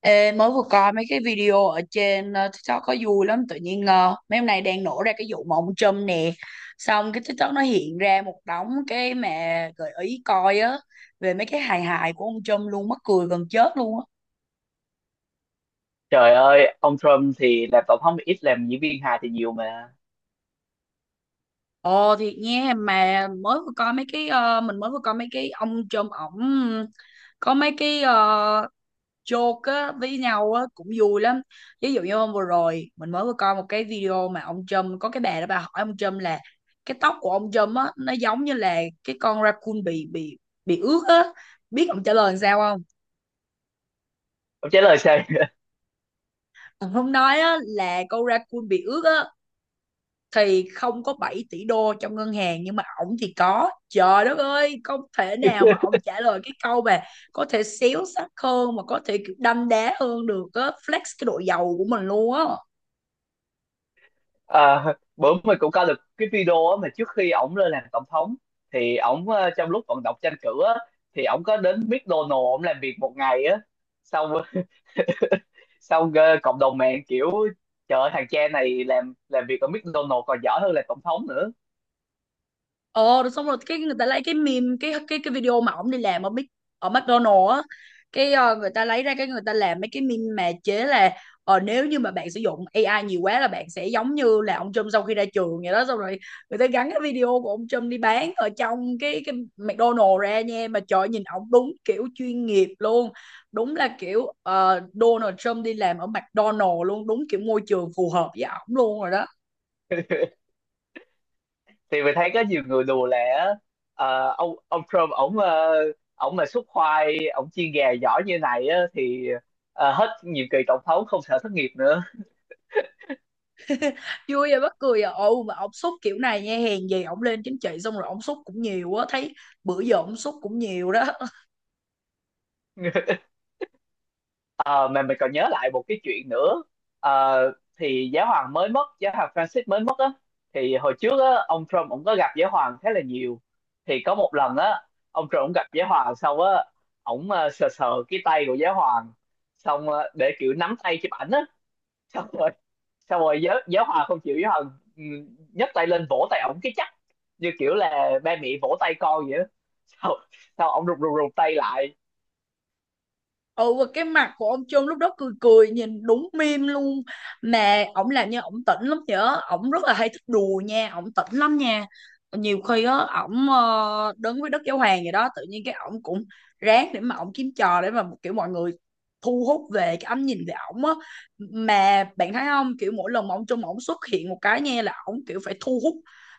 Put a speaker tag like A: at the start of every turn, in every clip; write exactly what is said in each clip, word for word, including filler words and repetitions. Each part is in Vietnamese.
A: Ê, mới vừa coi mấy cái video ở trên ờ, TikTok có vui lắm tự nhiên ờ, mấy hôm nay đang nổ ra cái vụ mà ông Trump nè, xong cái TikTok nó hiện ra một đống cái mà gợi ý coi á, về mấy cái hài hài của ông Trump luôn, mắc cười gần chết luôn á.
B: Trời ơi, ông Trump thì làm tổng thống ít, làm diễn viên hài thì nhiều mà.
A: Ồ thiệt nha, mà mới vừa coi mấy cái ờ, mình mới vừa coi mấy cái ông Trump ổng có mấy cái ờ, joke á, với nhau á, cũng vui lắm. Ví dụ như hôm vừa rồi mình mới vừa coi một cái video mà ông Trump có cái bà đó bà hỏi ông Trump là cái tóc của ông Trump á, nó giống như là cái con raccoon bị bị bị ướt á, biết ông trả lời làm sao không?
B: Ông trả lời sao?
A: Ông không nói á là con raccoon bị ướt á thì không có bảy tỷ đô trong ngân hàng, nhưng mà ổng thì có. Trời đất ơi, không thể nào mà ổng trả lời cái câu mà có thể xéo sắc hơn, mà có thể kiểu đâm đá hơn được á, flex cái độ giàu của mình luôn á.
B: À, Bữa mình cũng coi được cái video á, mà trước khi ổng lên làm tổng thống thì ổng ờ, trong lúc vận động tranh cử á, thì ổng có đến McDonald's ổng làm việc một ngày á. Xong xong ờ, cộng đồng mạng kiểu trời ơi, thằng cha này làm làm việc ở McDonald's còn giỏi hơn là tổng thống nữa.
A: Ờ rồi xong rồi cái người ta lấy cái meme, cái cái cái video mà ổng đi làm ở Mc- ở McDonald's á, cái ờ, người ta lấy ra cái người ta làm mấy cái meme mà chế là ờ, nếu như mà bạn sử dụng a i nhiều quá là bạn sẽ giống như là ông Trump sau khi ra trường vậy đó. Xong rồi người ta gắn cái video của ông Trump đi bán ở trong cái cái McDonald's ra nha. Mà trời ơi, nhìn ổng đúng kiểu chuyên nghiệp luôn, đúng là kiểu ờ, Donald Trump đi làm ở McDonald's luôn, đúng kiểu môi trường phù hợp với ổng luôn rồi đó.
B: Thì mình thấy có nhiều người đùa là, ờ, ông ông Trump ổng, ờ, ổng mà xúc khoai ổng chiên gà giỏi như này á, thì ờ, hết nhiệm kỳ tổng thống không sợ thất nghiệp nữa.
A: Vui và mắc cười à, ồ mà ông xúc kiểu này nha, hèn gì ông lên chính trị xong rồi ông xúc cũng nhiều á thấy, bữa giờ ông xúc cũng nhiều đó.
B: Ờ, mà mình còn nhớ lại một cái chuyện nữa. Ờ, thì giáo hoàng mới mất, giáo hoàng Francis mới mất á, thì hồi trước á ông Trump cũng có gặp giáo hoàng khá là nhiều. Thì có một lần á, ông Trump cũng gặp giáo hoàng xong á, ổng ờ, sờ sờ cái tay của giáo hoàng, xong ờ, để kiểu nắm tay chụp ảnh á, xong rồi xong rồi giáo giáo hòa không chịu, giáo hòa ừ, nhấc tay lên vỗ tay ổng cái chắc, như kiểu là ba mẹ vỗ tay con vậy đó. Sau sau ổng rụt rụt rụt tay lại.
A: Ừ, và cái mặt của ông Trung lúc đó cười cười nhìn đúng meme luôn, mà ổng làm như ổng tỉnh lắm nhở, ổng rất là hay thích đùa nha, ổng tỉnh lắm nha. Nhiều khi á, ổng ờ, đứng với Đức Giáo Hoàng vậy đó, tự nhiên cái ổng cũng ráng để mà ổng kiếm trò để mà kiểu mọi người thu hút về cái ánh nhìn về ổng á. Mà bạn thấy không, kiểu mỗi lần mà ông Trung ổng xuất hiện một cái nha là ổng kiểu phải thu hút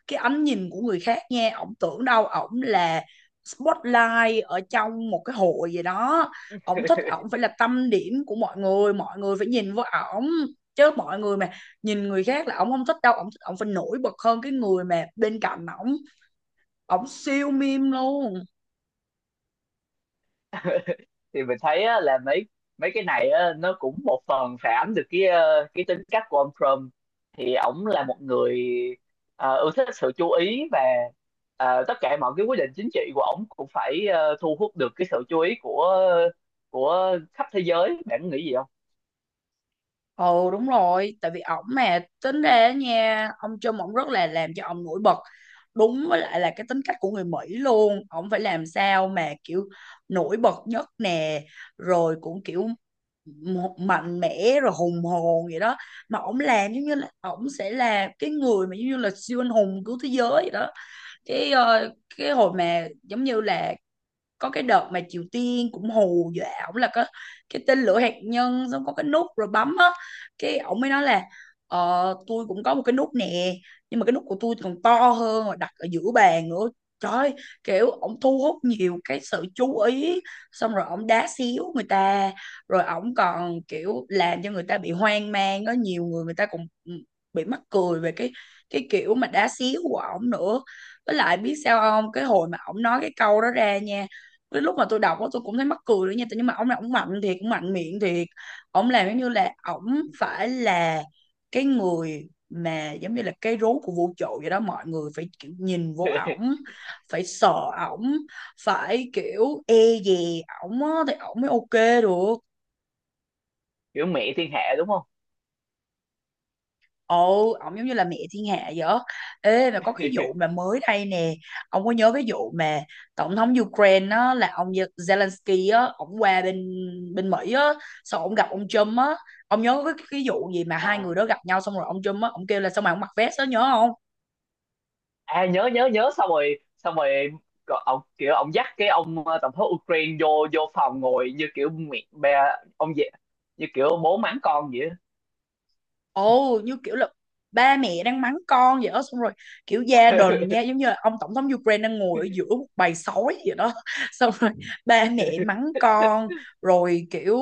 A: cái ánh nhìn của người khác nha, ổng tưởng đâu ổng là spotlight ở trong một cái hội gì đó. Ổng thích ổng phải là tâm điểm của mọi người, mọi người phải nhìn vào ổng, chứ mọi người mà nhìn người khác là ổng không thích đâu. Ổng thích ổng phải nổi bật hơn cái người mà bên cạnh ổng, ổng siêu meme luôn.
B: Thì mình thấy á, là mấy mấy cái này á, nó cũng một phần phản ánh được cái, ờ, cái tính cách của ông Trump. Thì ổng là một người ờ, ưa thích sự chú ý, và ờ, tất cả mọi cái quyết định chính trị của ổng cũng phải, ờ, thu hút được cái sự chú ý của của khắp thế giới, bạn nghĩ gì không?
A: Ừ, đúng rồi, tại vì ổng mà tính ra á nha, ông Trump ổng rất là làm cho ông nổi bật. Đúng với lại là cái tính cách của người Mỹ luôn, ổng phải làm sao mà kiểu nổi bật nhất nè, rồi cũng kiểu một mạnh mẽ rồi hùng hồn vậy đó. Mà ổng làm giống như là ổng sẽ là cái người mà giống như là siêu anh hùng của thế giới vậy đó. Cái ờ, cái hồi mà giống như là có cái đợt mà Triều Tiên cũng hù dọa ổng là có cái tên lửa hạt nhân, xong có cái nút rồi bấm á, cái ổng mới nói là ờ, tôi cũng có một cái nút nè, nhưng mà cái nút của tôi còn to hơn mà đặt ở giữa bàn nữa. Trời ơi, kiểu ổng thu hút nhiều cái sự chú ý, xong rồi ổng đá xíu người ta, rồi ổng còn kiểu làm cho người ta bị hoang mang. Có nhiều người người ta cũng bị mắc cười về cái cái kiểu mà đá xíu của ổng nữa. Với lại biết sao không, cái hồi mà ổng nói cái câu đó ra nha, đến lúc mà tôi đọc đó, tôi cũng thấy mắc cười nữa nha, nhưng mà ông này ông mạnh thiệt, cũng mạnh miệng thiệt. Ông làm giống như là ông phải là cái người mà giống như là cái rốn của vũ trụ vậy đó, mọi người phải kiểu nhìn vô ổng, phải sợ ổng, phải kiểu e dè ổng á thì ổng mới ok được.
B: Kiểu mẹ thiên hạ đúng không?
A: Ồ, ông giống như là mẹ thiên hạ vậy á. Ê, mà có cái vụ mà mới đây nè, ông có nhớ cái vụ mà tổng thống Ukraine á, là ông Ye- Zelensky á, ông qua bên bên Mỹ á, xong ông gặp ông Trump á, ông nhớ cái, cái vụ gì mà hai
B: À,
A: người đó gặp nhau, xong rồi ông Trump á, ông kêu là sao mà ông mặc vest đó nhớ không?
B: à nhớ nhớ nhớ, xong rồi xong rồi có- ông kiểu ông dắt cái ông, ờ, tổng thống Ukraine vô vô phòng ngồi như kiểu mẹ bè ông vậy, như kiểu bố mắng con vậy á.
A: Ồ, như kiểu là ba mẹ đang mắng con vậy đó, xong rồi kiểu gia đình nha, giống như là ông tổng thống Ukraine đang ngồi ở giữa một bầy sói vậy đó. Xong rồi ba mẹ mắng con, rồi kiểu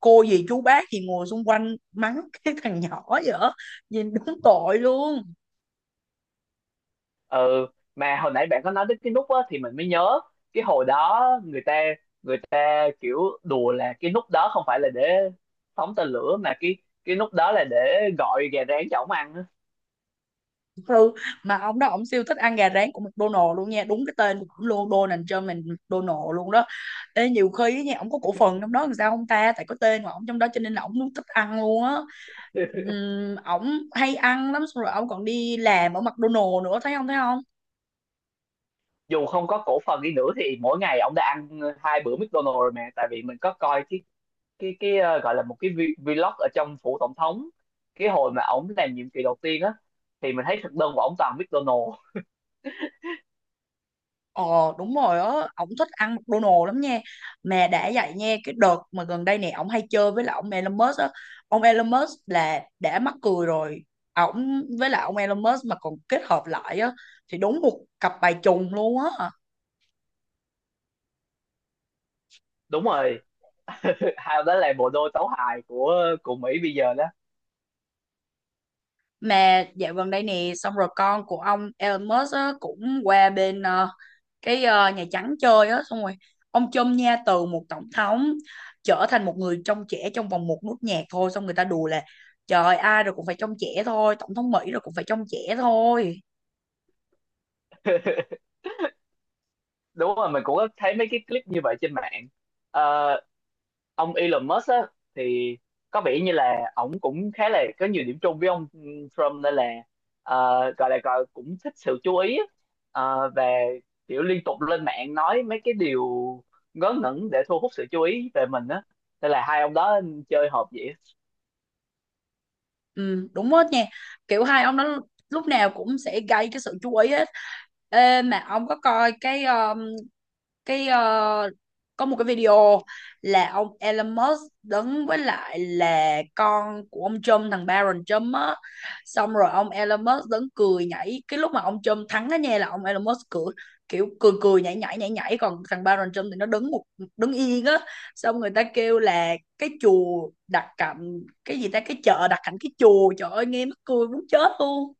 A: cô dì chú bác thì ngồi xung quanh mắng cái thằng nhỏ vậy đó, nhìn đúng tội luôn.
B: Ừ, mà hồi nãy bạn có nói đến cái nút á, thì mình mới nhớ cái hồi đó người ta, người ta kiểu đùa là cái nút đó không phải là để phóng tên lửa, mà cái cái nút đó là để gọi gà rán cho ổng ăn á.
A: Ừ, mà ông đó ông siêu thích ăn gà rán của McDonald luôn nha, đúng cái tên của ổng luôn, Donald Trump là McDonald luôn đó. Ê, nhiều khi á nha ổng có cổ phần trong đó làm sao không ta, tại có tên của ổng trong đó cho nên là ổng luôn thích ăn luôn á. Ừm, ổng hay ăn lắm, xong rồi ổng còn đi làm ở McDonald nữa, thấy không thấy không?
B: Dù không có cổ phần đi nữa thì mỗi ngày ông đã ăn hai bữa McDonald's rồi. Mà tại vì mình có coi cái cái cái ờ, gọi là một cái vi- vlog ở trong phủ tổng thống, cái hồi mà ổng làm nhiệm kỳ đầu tiên á, thì mình thấy thực đơn của ổng toàn McDonald's.
A: Ờ, đúng rồi á, ổng thích ăn McDonald's lắm nha. Mà đã vậy nha, cái đợt mà gần đây này ổng hay chơi với lại ông Elon Musk á. Ông Elon Musk là đã mắc cười rồi. À, ổng với lại ông Elon Musk mà còn kết hợp lại á thì đúng một cặp bài trùng luôn á.
B: Đúng rồi. Hay đó là bộ đôi tấu hài của của Mỹ bây giờ đó.
A: Mà dạo gần đây nè, xong rồi con của ông Elon Musk á cũng qua bên ờ, cái ờ, Nhà Trắng chơi á, xong rồi ông Trump nha, từ một tổng thống trở thành một người trong trẻ trong vòng một nốt nhạc thôi. Xong người ta đùa là trời ơi, ai rồi cũng phải trong trẻ thôi, tổng thống Mỹ rồi cũng phải trong trẻ thôi.
B: Đúng rồi, mình cũng có thấy mấy cái clip như vậy trên mạng. Ờ, ông Elon Musk á, thì có vẻ như là ổng cũng khá là có nhiều điểm chung với ông, ừ, Trump, nên là ờ, gọi là gọi cũng thích sự chú ý á. Ờ, và kiểu liên tục lên mạng nói mấy cái điều ngớ ngẩn để thu hút sự chú ý về mình á, nên là hai ông đó chơi hợp vậy.
A: Ừ, đúng hết nha, kiểu hai ông đó lúc nào cũng sẽ gây cái sự chú ý hết. Ê, mà ông có coi cái ờ, cái ờ, có một cái video là ông Elon Musk đứng với lại là con của ông Trump, thằng Barron Trump á, xong rồi ông Elon Musk đứng cười nhảy cái lúc mà ông Trump thắng á nha, là ông Elon Musk cười kiểu cười cười nhảy nhảy nhảy nhảy còn thằng Barron Trump thì nó đứng một đứng yên á. Xong người ta kêu là cái chùa đặt cạnh cái gì ta, cái chợ đặt cạnh cái chùa, trời ơi nghe mắc cười muốn chết luôn.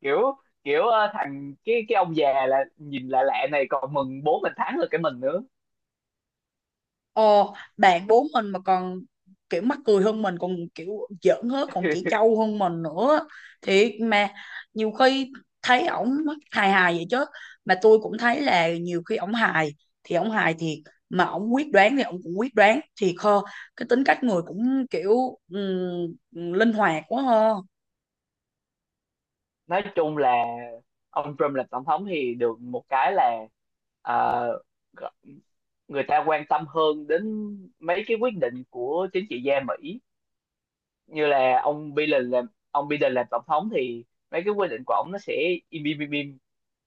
B: Kiểu kiểu ờ, thằng cái cái ông già là nhìn lạ lạ này còn mừng bố mình thắng được cái mình nữa.
A: Ồ, bạn bốn mình mà còn kiểu mắc cười hơn mình, còn kiểu giỡn hết, còn chỉ trâu hơn mình nữa. Thì mà nhiều khi thấy ổng hài hài vậy chứ, mà tôi cũng thấy là nhiều khi ổng hài thì ổng hài thiệt, mà ổng quyết đoán thì ổng cũng quyết đoán thiệt hơn. Cái tính cách người cũng kiểu ừm, linh hoạt quá ha.
B: Nói chung là ông Trump làm tổng thống thì được một cái là, ờ, g- người ta quan tâm hơn đến mấy cái quyết định của chính trị gia Mỹ. Như là ông Biden làm, ông Biden làm tổng thống thì mấy cái quyết định của ông nó sẽ im im im, im.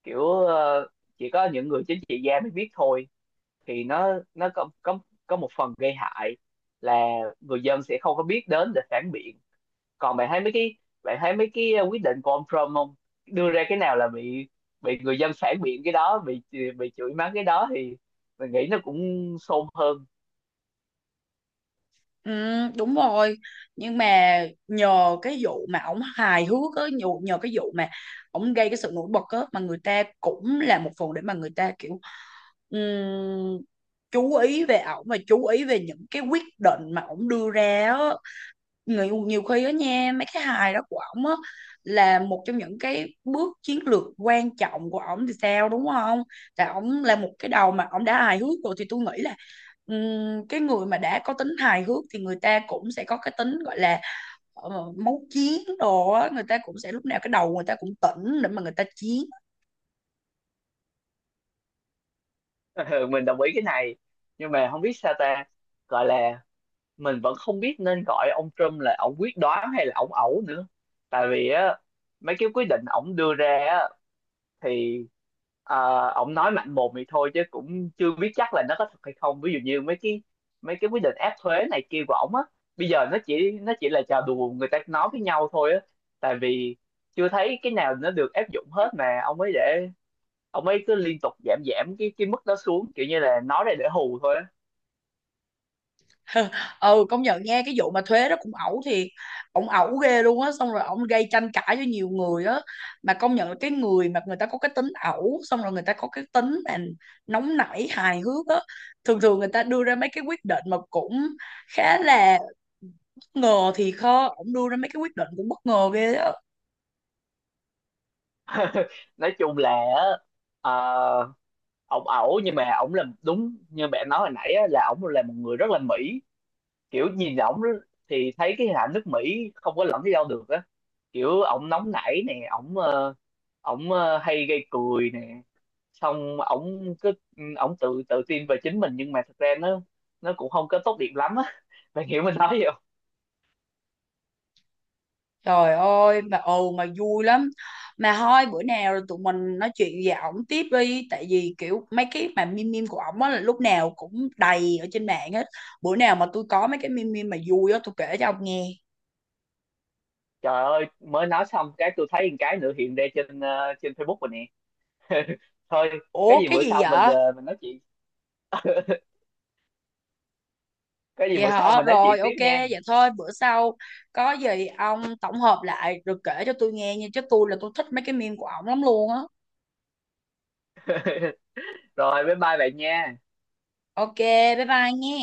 B: Kiểu ờ, chỉ có những người chính trị gia mới biết thôi, thì nó nó có có có một phần gây hại là người dân sẽ không có biết đến để phản biện. Còn bạn thấy mấy cái, bạn thấy mấy cái ờ, quyết định của ông Trump không, đưa ra cái nào là bị bị người dân phản biện, cái đó bị bị chửi mắng, cái đó thì mình nghĩ nó cũng xôn hơn.
A: Ừ, đúng rồi, nhưng mà nhờ cái vụ mà ổng hài hước á, nhờ, nhờ cái vụ mà ổng gây cái sự nổi bật á, mà người ta cũng là một phần để mà người ta kiểu ừm, chú ý về ổng và chú ý về những cái quyết định mà ổng đưa ra á. Người nhiều khi á nha, mấy cái hài đó của ổng á là một trong những cái bước chiến lược quan trọng của ổng thì sao, đúng không? Tại ổng là một cái đầu mà ổng đã hài hước rồi thì tôi nghĩ là, ừm, cái người mà đã có tính hài hước thì người ta cũng sẽ có cái tính gọi là ờ, máu chiến đồ á, người ta cũng sẽ lúc nào cái đầu người ta cũng tỉnh để mà người ta chiến.
B: Mình đồng ý cái này, nhưng mà không biết sao ta, gọi là, mình vẫn không biết nên gọi ông Trump là ông quyết đoán hay là ông ẩu nữa. Tại vì á, mấy cái quyết định ổng đưa ra á, thì ờ, ông nói mạnh mồm thì thôi chứ cũng chưa biết chắc là nó có thật hay không. Ví dụ như mấy cái, mấy cái quyết định áp thuế này kia của ổng á, bây giờ nó chỉ, nó chỉ là trò đùa người ta nói với nhau thôi á. Tại vì chưa thấy cái nào nó được áp dụng hết, mà ông ấy để ông ấy cứ liên tục giảm, giảm cái cái mức đó xuống, kiểu như là nói ra để hù thôi á.
A: Ừ, công nhận nghe cái vụ mà thuế đó cũng ẩu thiệt, ổng ẩu ghê luôn á, xong rồi ổng gây tranh cãi với nhiều người á. Mà công nhận là cái người mà người ta có cái tính ẩu, xong rồi người ta có cái tính mà nóng nảy hài hước á, thường thường người ta đưa ra mấy cái quyết định mà cũng khá là bất ngờ, thì khó ổng đưa ra mấy cái quyết định cũng bất ngờ ghê á.
B: Nói chung là á, ờ, ổng ẩu, nhưng mà ổng là đúng như bạn nói hồi nãy á, là ổng là một người rất là mỹ. Kiểu nhìn ổng đó thì thấy cái hình ảnh nước Mỹ không có lẫn đi đâu được á. Kiểu ổng nóng nảy nè, ổng ờ, ổng ờ, hay gây cười nè, xong ổng cứ ừ, ổng tự tự tin về chính mình, nhưng mà thật ra nó nó cũng không có tốt đẹp lắm á. Mày hiểu mình nói gì không?
A: Trời ơi mà ừ, mà vui lắm. Mà thôi bữa nào tụi mình nói chuyện về ổng tiếp đi. Tại vì kiểu mấy cái mà meme meme của ổng á là lúc nào cũng đầy ở trên mạng hết. Bữa nào mà tôi có mấy cái meme meme mà vui á tôi kể cho ông nghe.
B: Trời ơi, mới nói xong cái tôi thấy một cái nữa hiện ra trên, ờ, trên Facebook rồi nè. Thôi, cái
A: Ủa
B: gì
A: cái
B: bữa
A: gì
B: sau mình,
A: vậy?
B: ờ, mình nói chuyện. Cái gì
A: Vậy
B: bữa sau
A: hả?
B: mình nói chuyện
A: Rồi
B: tiếp
A: ok
B: nha.
A: vậy thôi bữa sau có gì ông tổng hợp lại rồi kể cho tôi nghe nha. Chứ tôi là tôi thích mấy cái meme của ổng lắm luôn á.
B: Rồi bye bye bạn nha.
A: Ok, bye bye nghe.